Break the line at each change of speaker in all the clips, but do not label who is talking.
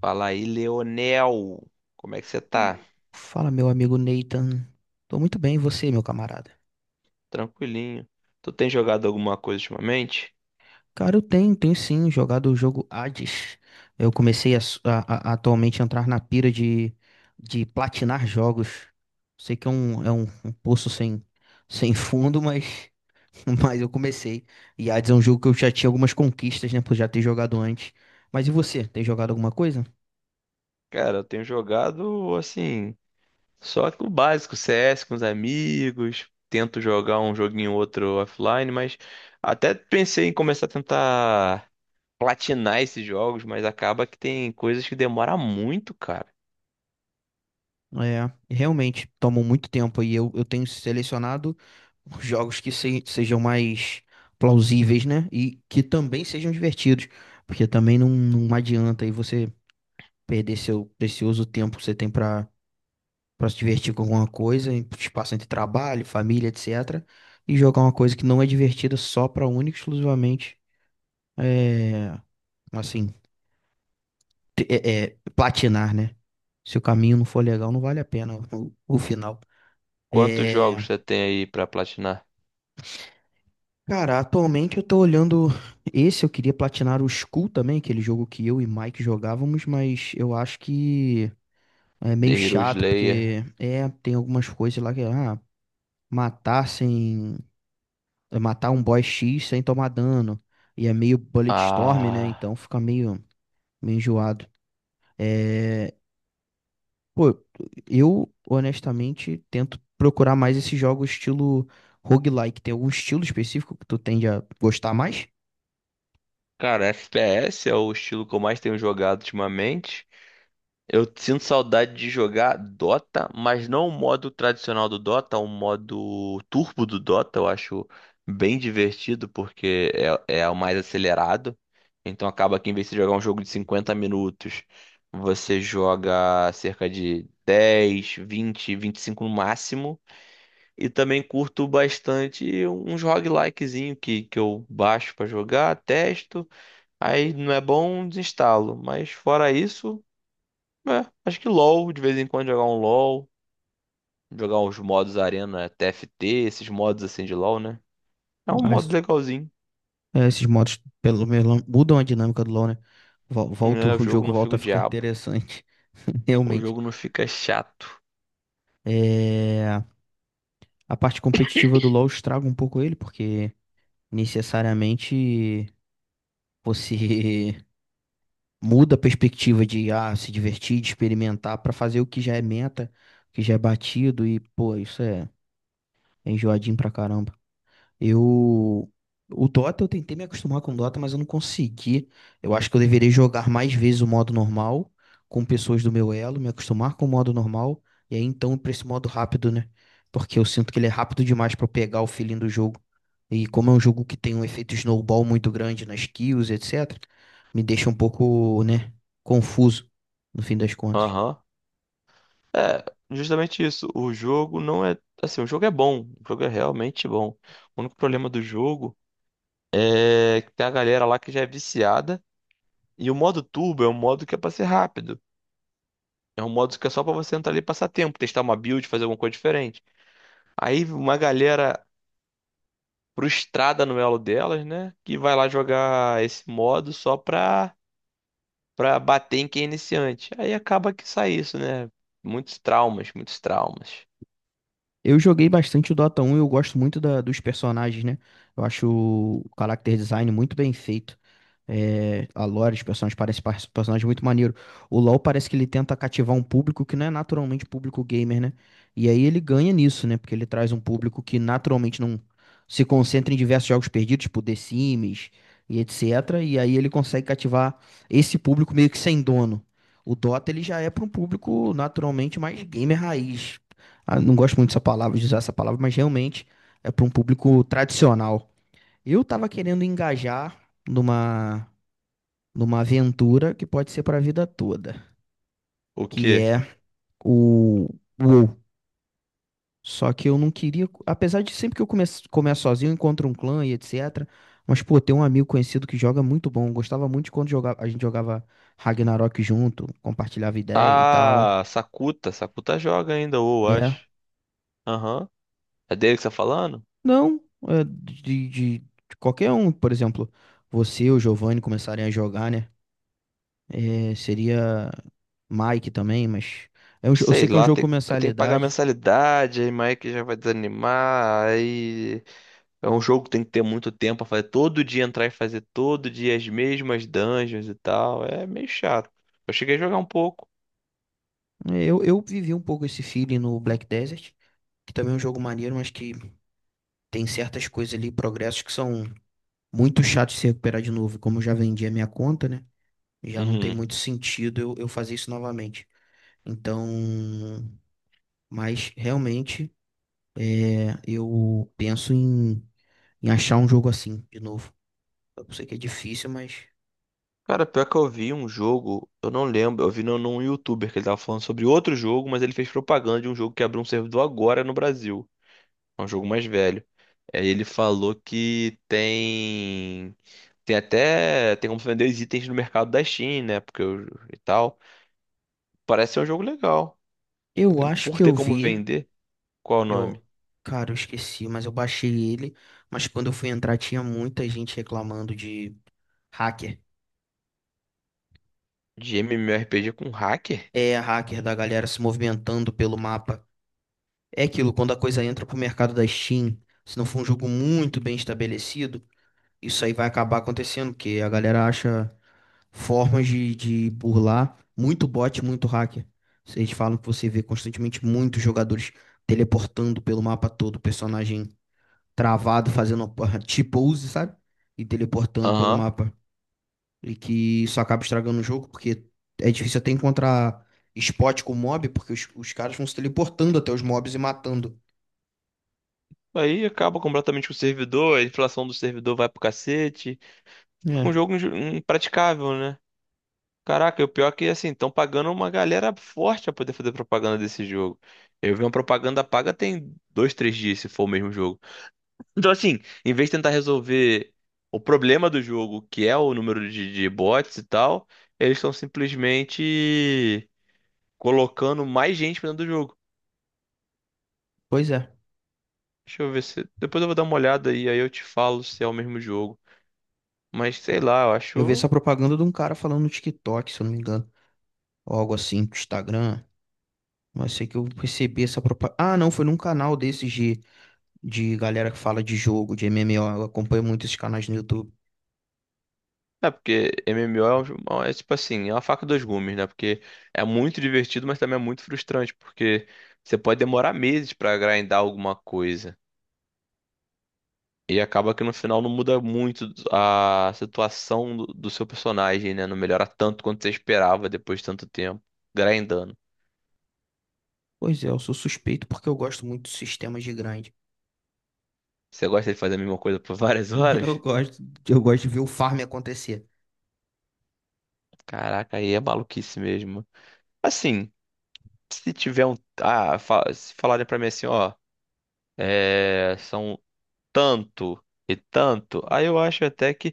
Fala aí, Leonel. Como é que você tá?
Fala, meu amigo Nathan. Tô muito bem, e você, meu camarada?
Tranquilinho. Tu tem jogado alguma coisa ultimamente?
Cara, eu tenho sim jogado o jogo Hades. Eu comecei a, s- a- atualmente a entrar na pira de platinar jogos. Sei que um poço sem fundo, mas, mas eu comecei. E Hades é um jogo que eu já tinha algumas conquistas, né, por já ter jogado antes. Mas e você, tem jogado alguma coisa?
Cara, eu tenho jogado assim, só que o básico, CS com os amigos. Tento jogar um joguinho ou outro offline, mas até pensei em começar a tentar platinar esses jogos, mas acaba que tem coisas que demora muito, cara.
É, realmente, tomou muito tempo e eu tenho selecionado jogos que sejam mais plausíveis, né? E que também sejam divertidos, porque também não adianta aí você perder seu precioso tempo que você tem pra para se divertir com alguma coisa, em espaço entre trabalho, família, etc. E jogar uma coisa que não é divertida só pra única e exclusivamente, é, assim, platinar, né? Se o caminho não for legal, não vale a pena o final.
Quantos
É,
jogos você tem aí pra platinar?
cara, atualmente eu tô olhando esse, eu queria platinar o Skull também, aquele jogo que eu e Mike jogávamos, mas eu acho que é meio
The Hero
chato,
Slayer.
porque é, tem algumas coisas lá que, ah, matar sem, é, matar um boss X sem tomar dano, e é meio bullet storm, né,
Ah,
então fica meio, meio enjoado. É, pô, eu honestamente tento procurar mais esse jogo estilo roguelike, tem algum estilo específico que tu tende a gostar mais?
cara, FPS é o estilo que eu mais tenho jogado ultimamente. Eu sinto saudade de jogar Dota, mas não o modo tradicional do Dota, o modo turbo do Dota. Eu acho bem divertido porque é o mais acelerado. Então acaba que em vez de jogar um jogo de 50 minutos, você joga cerca de dez, vinte, vinte e cinco no máximo. E também curto bastante uns roguelikezinho que eu baixo pra jogar, testo, aí não é bom, desinstalo. Mas fora isso. É, acho que LoL, de vez em quando jogar um LoL, jogar uns modos Arena TFT, esses modos assim de LoL, né? É um modo legalzinho,
É, esses modos, pelo menos, mudam a dinâmica do LoL, né? Volta,
né? O
o
jogo
jogo
não fica
volta a
o
ficar
diabo,
interessante,
o
realmente.
jogo não fica chato.
É, a parte competitiva do LoL estraga um pouco ele, porque necessariamente você muda a perspectiva de ah, se divertir, de experimentar, pra fazer o que já é meta, o que já é batido, e, pô, é enjoadinho pra caramba. Eu. O Dota, eu tentei me acostumar com o Dota, mas eu não consegui. Eu acho que eu deveria jogar mais vezes o modo normal, com pessoas do meu elo, me acostumar com o modo normal, e aí então ir pra esse modo rápido, né? Porque eu sinto que ele é rápido demais pra eu pegar o feeling do jogo. E como é um jogo que tem um efeito snowball muito grande nas kills, etc., me deixa um pouco, né, confuso, no fim das contas.
Aham. É, justamente isso. O jogo não é. Assim, o jogo é bom, o jogo é realmente bom. O único problema do jogo é que tem a galera lá que já é viciada. E o modo turbo é um modo que é pra ser rápido. É um modo que é só pra você entrar ali e passar tempo, testar uma build, fazer alguma coisa diferente. Aí uma galera frustrada no elo delas, né? Que vai lá jogar esse modo só pra bater em quem é iniciante. Aí acaba que sai isso, né? Muitos traumas, muitos traumas.
Eu joguei bastante o Dota 1 e eu gosto muito dos personagens, né? Eu acho o character design muito bem feito. É, a lore, os personagens parecem personagens muito maneiro. O LoL parece que ele tenta cativar um público que não é naturalmente público gamer, né? E aí ele ganha nisso, né? Porque ele traz um público que naturalmente não se concentra em diversos jogos perdidos, tipo The Sims e etc. E aí ele consegue cativar esse público meio que sem dono. O Dota ele já é para um público naturalmente mais gamer raiz. Ah, não gosto muito dessa palavra, de usar essa palavra, mas realmente é para um público tradicional. Eu tava querendo engajar numa, numa aventura que pode ser para a vida toda,
O
que
quê?
é o WoW. Só que eu não queria, apesar de sempre que eu começo, começo sozinho, eu encontro um clã e etc. Mas, pô, tem um amigo conhecido que joga é muito bom. Eu gostava muito de quando jogava, a gente jogava Ragnarok junto, compartilhava ideia e tal.
Ah, Sakuta. Sakuta joga ainda, ou
Né?
acho. Aham. É dele que você tá falando?
Não, é de qualquer um, por exemplo, você ou o Giovanni começarem a jogar, né? É, seria Mike também, mas é um
Não
eu sei
sei
que é um
lá,
jogo com
tem, tem que pagar
mensalidade.
mensalidade, aí Mike já vai desanimar, aí é um jogo que tem que ter muito tempo pra fazer, todo dia entrar e fazer todo dia as mesmas dungeons e tal, é meio chato. Eu cheguei a jogar um pouco.
É, eu vivi um pouco esse feeling no Black Desert, que também é um jogo maneiro, mas que tem certas coisas ali, progressos que são muito chatos de se recuperar de novo. E como eu já vendi a minha conta, né? Já não tem
Uhum.
muito sentido eu fazer isso novamente. Então, mas realmente é, eu penso em. Em achar um jogo assim de novo. Eu sei que é difícil, mas
Cara, pior que eu vi um jogo, eu não lembro, eu vi num youtuber que ele tava falando sobre outro jogo, mas ele fez propaganda de um jogo que abriu um servidor agora no Brasil. É um jogo mais velho. Aí ele falou que tem. Tem até. Tem como vender os itens no mercado da Steam, né? Porque o- e tal. Parece ser um jogo legal.
eu acho
Por
que
ter
eu
como
vi.
vender, qual é o nome?
Eu, cara, eu esqueci, mas eu baixei ele. Mas quando eu fui entrar, tinha muita gente reclamando de hacker.
De MMORPG com hacker?
É, hacker da galera se movimentando pelo mapa. É aquilo, quando a coisa entra pro mercado da Steam, se não for um jogo muito bem estabelecido, isso aí vai acabar acontecendo, porque a galera acha formas de burlar, muito bot, muito hacker. Vocês falam que você vê constantemente muitos jogadores teleportando pelo mapa todo, personagem travado, fazendo a T-pose, sabe? E teleportando pelo
Aham.
mapa. E que isso acaba estragando o jogo, porque é difícil até encontrar spot com mob, porque os caras vão se teleportando até os mobs e matando.
Aí acaba completamente com o servidor, a inflação do servidor vai pro cacete. Fica
É,
um jogo inju- impraticável, né? Caraca, e o pior é que assim, estão pagando uma galera forte pra poder fazer propaganda desse jogo. Eu vi uma propaganda paga tem dois, três dias, se for o mesmo jogo. Então, assim, em vez de tentar resolver o problema do jogo, que é o número de bots e tal, eles estão simplesmente colocando mais gente pra dentro do jogo.
pois é.
Deixa eu ver se. Depois eu vou dar uma olhada e aí eu te falo se é o mesmo jogo. Mas sei lá, eu
Eu vi
acho.
essa propaganda de um cara falando no TikTok, se eu não me engano, ou algo assim, no Instagram. Mas sei que eu percebi essa propaganda. Ah, não, foi num canal desses de galera que fala de jogo, de MMO. Eu acompanho muito esses canais no YouTube.
É, porque MMO é, é tipo assim, é uma faca dos gumes, né? Porque é muito divertido, mas também é muito frustrante, porque você pode demorar meses pra grindar alguma coisa. E acaba que no final não muda muito a situação do seu personagem, né? Não melhora tanto quanto você esperava depois de tanto tempo grindando.
Pois é, eu sou suspeito porque eu gosto muito de sistemas de grind.
Você gosta de fazer a mesma coisa por várias
Eu
horas?
gosto, eu gosto de ver o farm acontecer.
Caraca, aí é maluquice mesmo. Assim, se tiver um. Ah, se falarem pra mim assim, ó. É, são tanto e tanto, aí eu acho até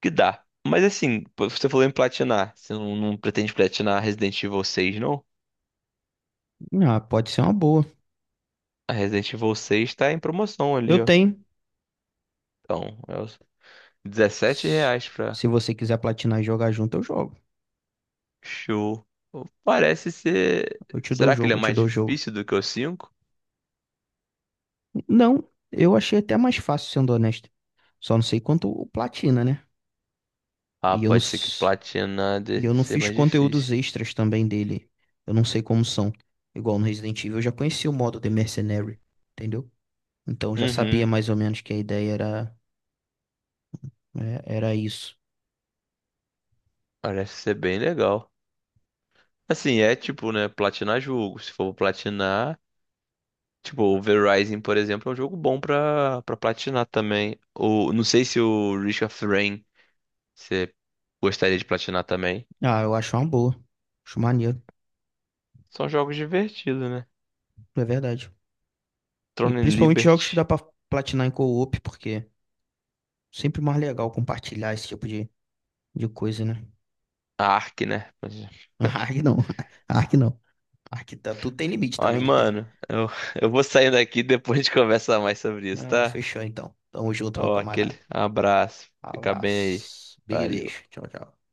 que dá. Mas assim, pô, você falou em platinar, você não, não pretende platinar Resident Evil 6, não?
Ah, pode ser uma boa.
A Resident Evil 6 tá em promoção
Eu
ali, ó.
tenho.
Então, é os 17
Se
reais pra
Se você quiser platinar e jogar junto, eu jogo.
show. Parece ser.
Eu te dou o
Será que ele é
jogo, eu te
mais
dou o jogo.
difícil do que o cinco?
Não, eu achei até mais fácil, sendo honesto. Só não sei quanto o platina, né?
Ah,
E eu não.
pode ser que platinar de-
E eu não
ser
fiz
mais
conteúdos
difícil.
extras também dele. Eu não sei como são. Igual no Resident Evil, eu já conhecia o modo The Mercenary, entendeu? Então eu já sabia
Uhum,
mais ou menos que a ideia era, é, era isso.
parece ser bem legal. Assim, é tipo, né, platinar jogo. Se for platinar. Tipo, o Verizon, por exemplo, é um jogo bom pra, pra platinar também. O, não sei se o Risk of Rain você gostaria de platinar também.
Ah, eu acho uma boa. Acho maneiro,
São jogos divertidos, né?
é verdade. E
Throne and
principalmente jogos que dá
Liberty,
pra platinar em co-op, porque sempre mais legal compartilhar esse tipo de coisa, né?
a Ark, né?
Ark não, Ark não. Ark tá, tudo tem limite
Mas,
também, né?
mano, eu, eu vou saindo daqui e depois a gente conversa mais sobre isso,
Não,
tá?
fechou então. Tamo junto, meu
Ó, aquele
camarada.
abraço. Fica bem aí.
Abraço. Big
Valeu.
beijo. Tchau, tchau.